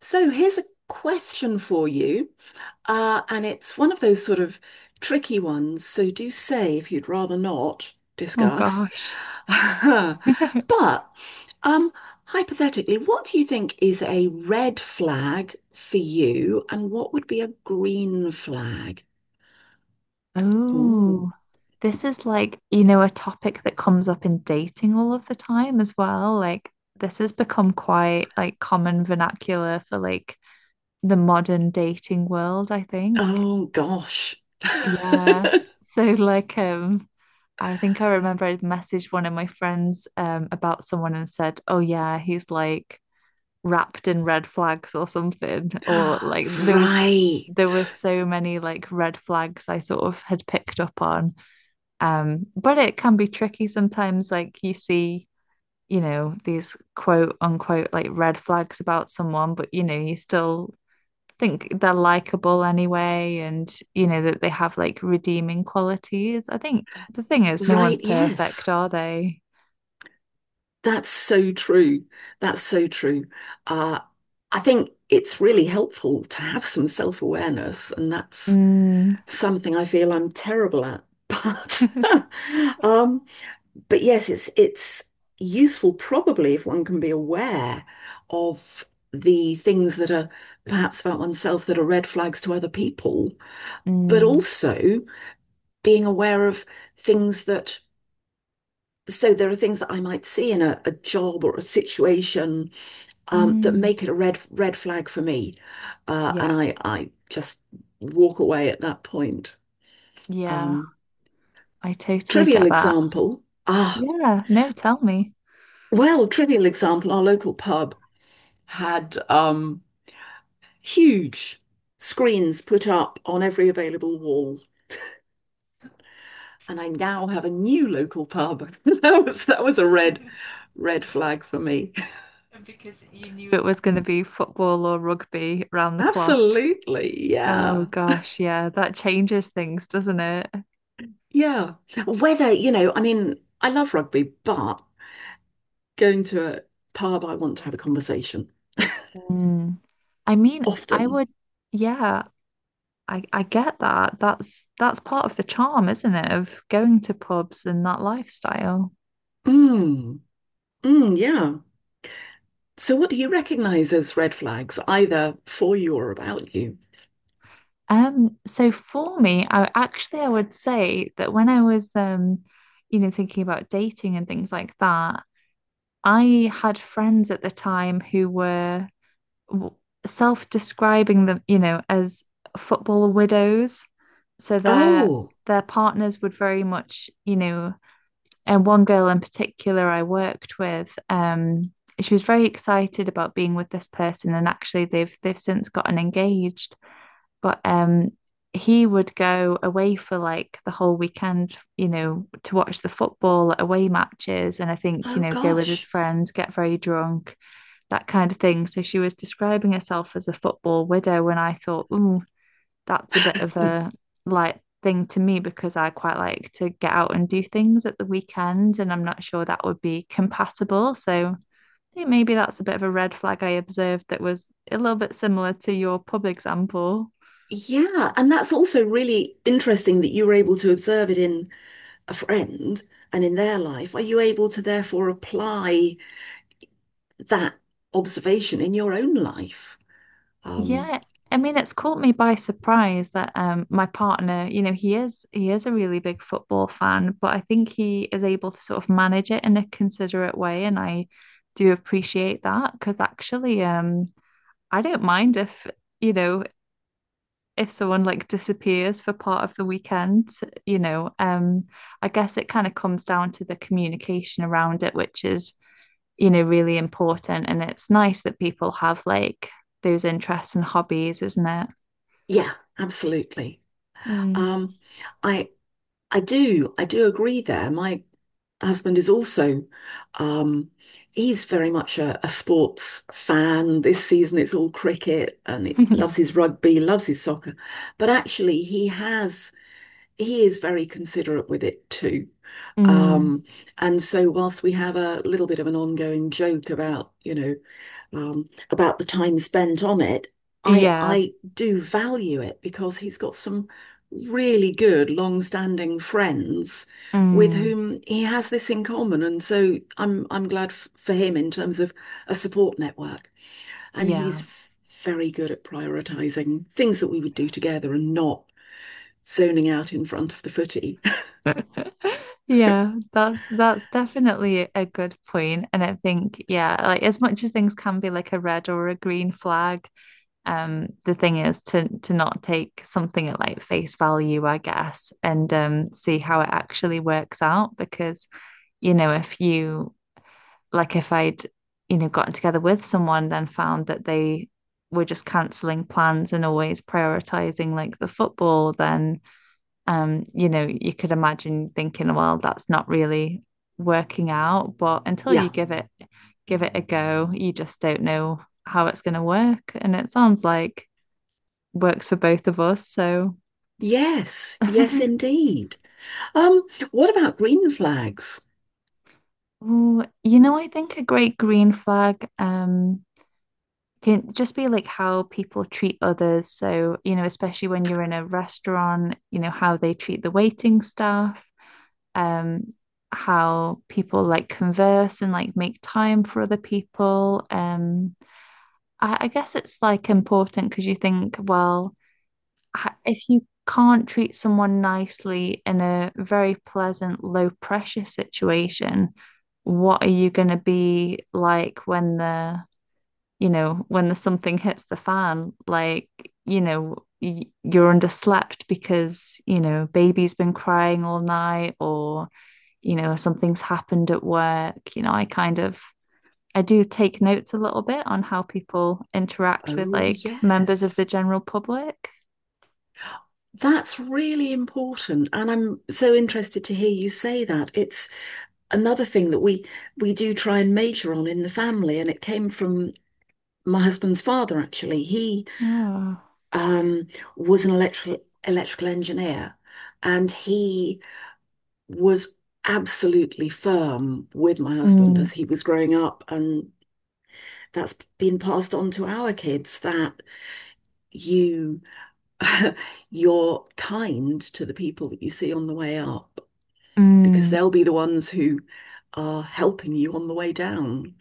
So here's a question for you, and it's one of those sort of tricky ones. So do say if you'd rather not Oh discuss. gosh. But um, hypothetically, what do you think is a red flag for you, and what would be a green flag? Oh, Oh, this is like, you know, a topic that comes up in dating all of the time as well. Like, this has become quite like common vernacular for like the modern dating world, I think. oh gosh. Yeah. So like, um, I think I remember I messaged one of my friends about someone and said, "Oh yeah, he's like wrapped in red flags," or something, or like there was Right. there were so many like red flags I sort of had picked up on, but it can be tricky sometimes. Like you see, you know, these quote unquote like red flags about someone, but you know you still think they're likable anyway, and you know that they have like redeeming qualities. I think the thing is, no one's Right, yes. perfect, are they? That's so true. That's so true. Uh, I think it's really helpful to have some self-awareness, and that's Mm. something I feel I'm terrible at. But um, but yes, it's useful probably if one can be aware of the things that are perhaps about oneself that are red flags to other people, but Mm. also being aware of things that. So there are things that I might see in a job or a situation that Mm. make it a red flag for me. Yeah, And I just walk away at that point. yeah, Um, I totally Trivial get that. example. Yeah, no, tell me. Well, trivial example, our local pub had huge screens put up on every available wall, and I now have a new local pub. That was a red flag for me. And because you knew it was going to be football or rugby round the clock. Absolutely. Oh Yeah. gosh, yeah, that changes things, doesn't it? Yeah. Whether, you know, I mean, I love rugby, but going to a pub, I want to have a conversation Mm. I mean, I often. would, yeah, I get that. That's part of the charm, isn't it, of going to pubs and that lifestyle. Mm, mm, yeah. So, what do you recognize as red flags, either for you or about you? So for me, I would say that when I was, you know, thinking about dating and things like that, I had friends at the time who were self-describing them, you know, as football widows. So their Oh, partners would very much, you know, and one girl in particular I worked with, she was very excited about being with this person, and actually they've since gotten engaged. But he would go away for like the whole weekend, you know, to watch the football away matches, and I think, you oh know, go with his gosh. friends, get very drunk, that kind of thing. So she was describing herself as a football widow, and I thought, ooh, that's a bit of a like thing to me, because I quite like to get out and do things at the weekend, and I'm not sure that would be compatible. So I think maybe that's a bit of a red flag I observed, that was a little bit similar to your pub example. Yeah, and that's also really interesting that you were able to observe it in a friend and in their life. Are you able to therefore apply that observation in your own life? Um, Yeah, I mean it's caught me by surprise that my partner, you know, he is a really big football fan, but I think he is able to sort of manage it in a considerate way, and I do appreciate that, because actually, I don't mind if, you know, if someone like disappears for part of the weekend. You know, I guess it kind of comes down to the communication around it, which is, you know, really important, and it's nice that people have like those interests and hobbies, isn't it? yeah, absolutely. Mm. Um, I I do agree there. My husband is also um he's very much a sports fan. This season it's all cricket and he loves his rugby, loves his soccer. But actually he is very considerate with it too. Mm. Um, and so whilst we have a little bit of an ongoing joke about, you know, about the time spent on it, I Yeah, I do value it because he's got some really good long-standing friends with mm. whom he has this in common. And so I'm glad f for him in terms of a support network. And he's Yeah. very good at prioritizing things that we would do together and not zoning out in front of the footy. Yeah, that's definitely a good point. And I think, yeah, like as much as things can be like a red or a green flag, the thing is to not take something at like face value, I guess, and see how it actually works out. Because, you know, if you like if I'd, you know, gotten together with someone, then found that they were just cancelling plans and always prioritizing like the football, then, you know, you could imagine thinking, well, that's not really working out. But until you Yeah. give it a go, you just don't know how it's gonna work. And it sounds like works for both of us. So Yes, yes, indeed. Um, what about green flags? Ooh, you know, I think a great green flag can just be like how people treat others. So, you know, especially when you're in a restaurant, you know, how they treat the waiting staff, um, how people like converse and like make time for other people. I guess it's like important, because you think, well, if you can't treat someone nicely in a very pleasant, low pressure situation, what are you going to be like when they're, you know, when the something hits the fan, like, you know, you're underslept because, you know, baby's been crying all night, or, you know, something's happened at work. You know, I kind of I do take notes a little bit on how people interact with Oh, like members of the yes. general public. That's really important. And I'm so interested to hear you say that. It's another thing that we do try and major on in the family, and it came from my husband's father, actually. He Oh. um was an electrical engineer, and he was absolutely firm with my husband Mm, as he was growing up and that's been passed on to our kids that you you're kind to the people that you see on the way up because mm. they'll be the ones who are helping you on the way down,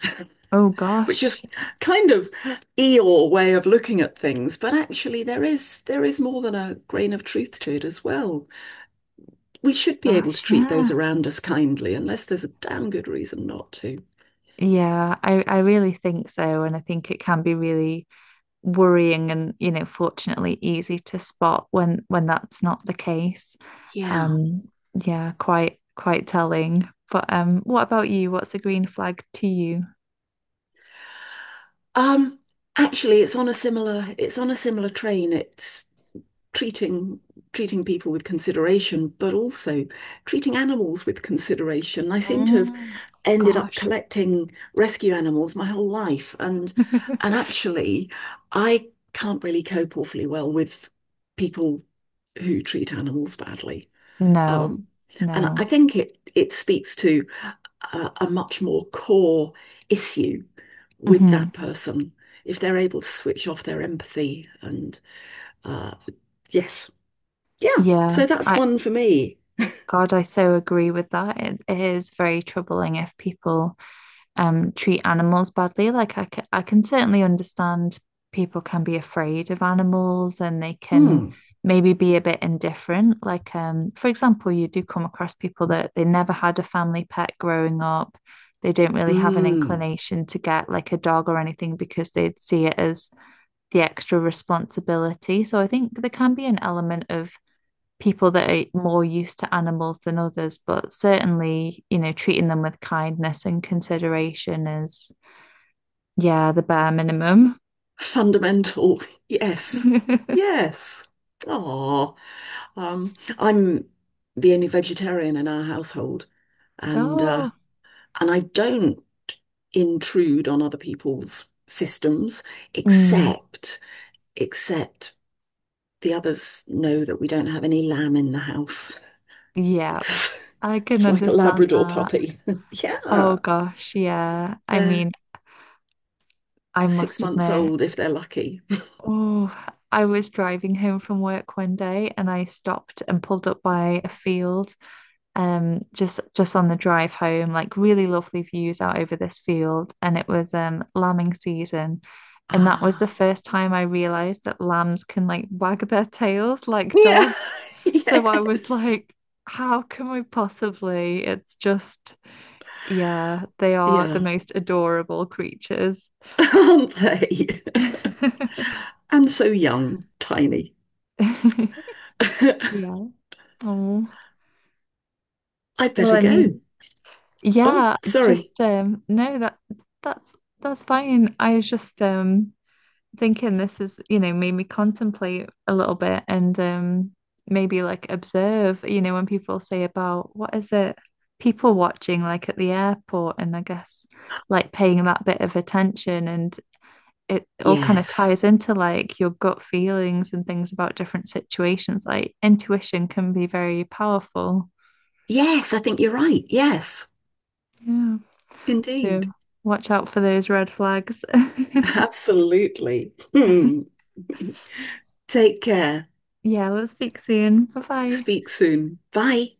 Oh which gosh. is kind of Eeyore way of looking at things, but actually there is more than a grain of truth to it as well. We should be able to Gosh, treat yeah. those around us kindly unless there's a damn good reason not to. Yeah, I really think so. And I think it can be really worrying, and you know, fortunately easy to spot when that's not the case. Yeah. um yeah Quite telling. But what about you? What's a green flag to you? Um actually it's on a similar train. It's treating treating people with consideration, but also treating animals with consideration. I seem to have Mm. ended up Gosh. collecting rescue animals my whole life, and actually, I can't really cope awfully well with people who treat animals badly. No. Um, and I No. think it speaks to a much more core issue with Hmm. that person if they're able to switch off their empathy and uh, yes. Yeah, Yeah, so that's I, one for me. God, I so agree with that. It is very troubling if people treat animals badly. Like I can certainly understand people can be afraid of animals, and they can Mm, maybe be a bit indifferent. Like for example, you do come across people that they never had a family pet growing up. They don't really have an mm. inclination to get like a dog or anything, because they'd see it as the extra responsibility. So I think there can be an element of people that are more used to animals than others, but certainly, you know, treating them with kindness and consideration is, yeah, the bare minimum. Fundamental. Yes. Yes. Oh, I'm the only vegetarian in our household, and Oh, uh, and I don't intrude on other people's systems, mm, except except the others know that we don't have any lamb in the house yeah, because I can it's like a understand Labrador that. puppy. Oh Yeah, gosh, yeah. I they're mean, I six must months admit, old if they're lucky. oh, I was driving home from work one day and I stopped and pulled up by a field, just on the drive home, like really lovely views out over this field, and it was, lambing season, and that was the Ah. first time I realized that lambs can like wag their tails like Yeah. dogs. So I was Yes. like, how can we possibly? It's just, yeah, they are the Yeah. most adorable creatures. Aren't they? And so young, tiny. I'd Yeah. Oh, well, better I mean, go. Oh, yeah, sorry. just, no that that's that's fine. I was just thinking, this is, you know, made me contemplate a little bit, and maybe like observe, you know, when people say about, what is it, people watching like at the airport, and I guess like paying that bit of attention, and it all kind of Yes. ties into like your gut feelings and things about different situations. Like intuition can be very powerful. Yes, I think you're right. Yes, Yeah. indeed. So watch out for those red flags. Absolutely. Hmm. Take care. Yeah, let's speak soon. Bye bye. Speak soon. Bye.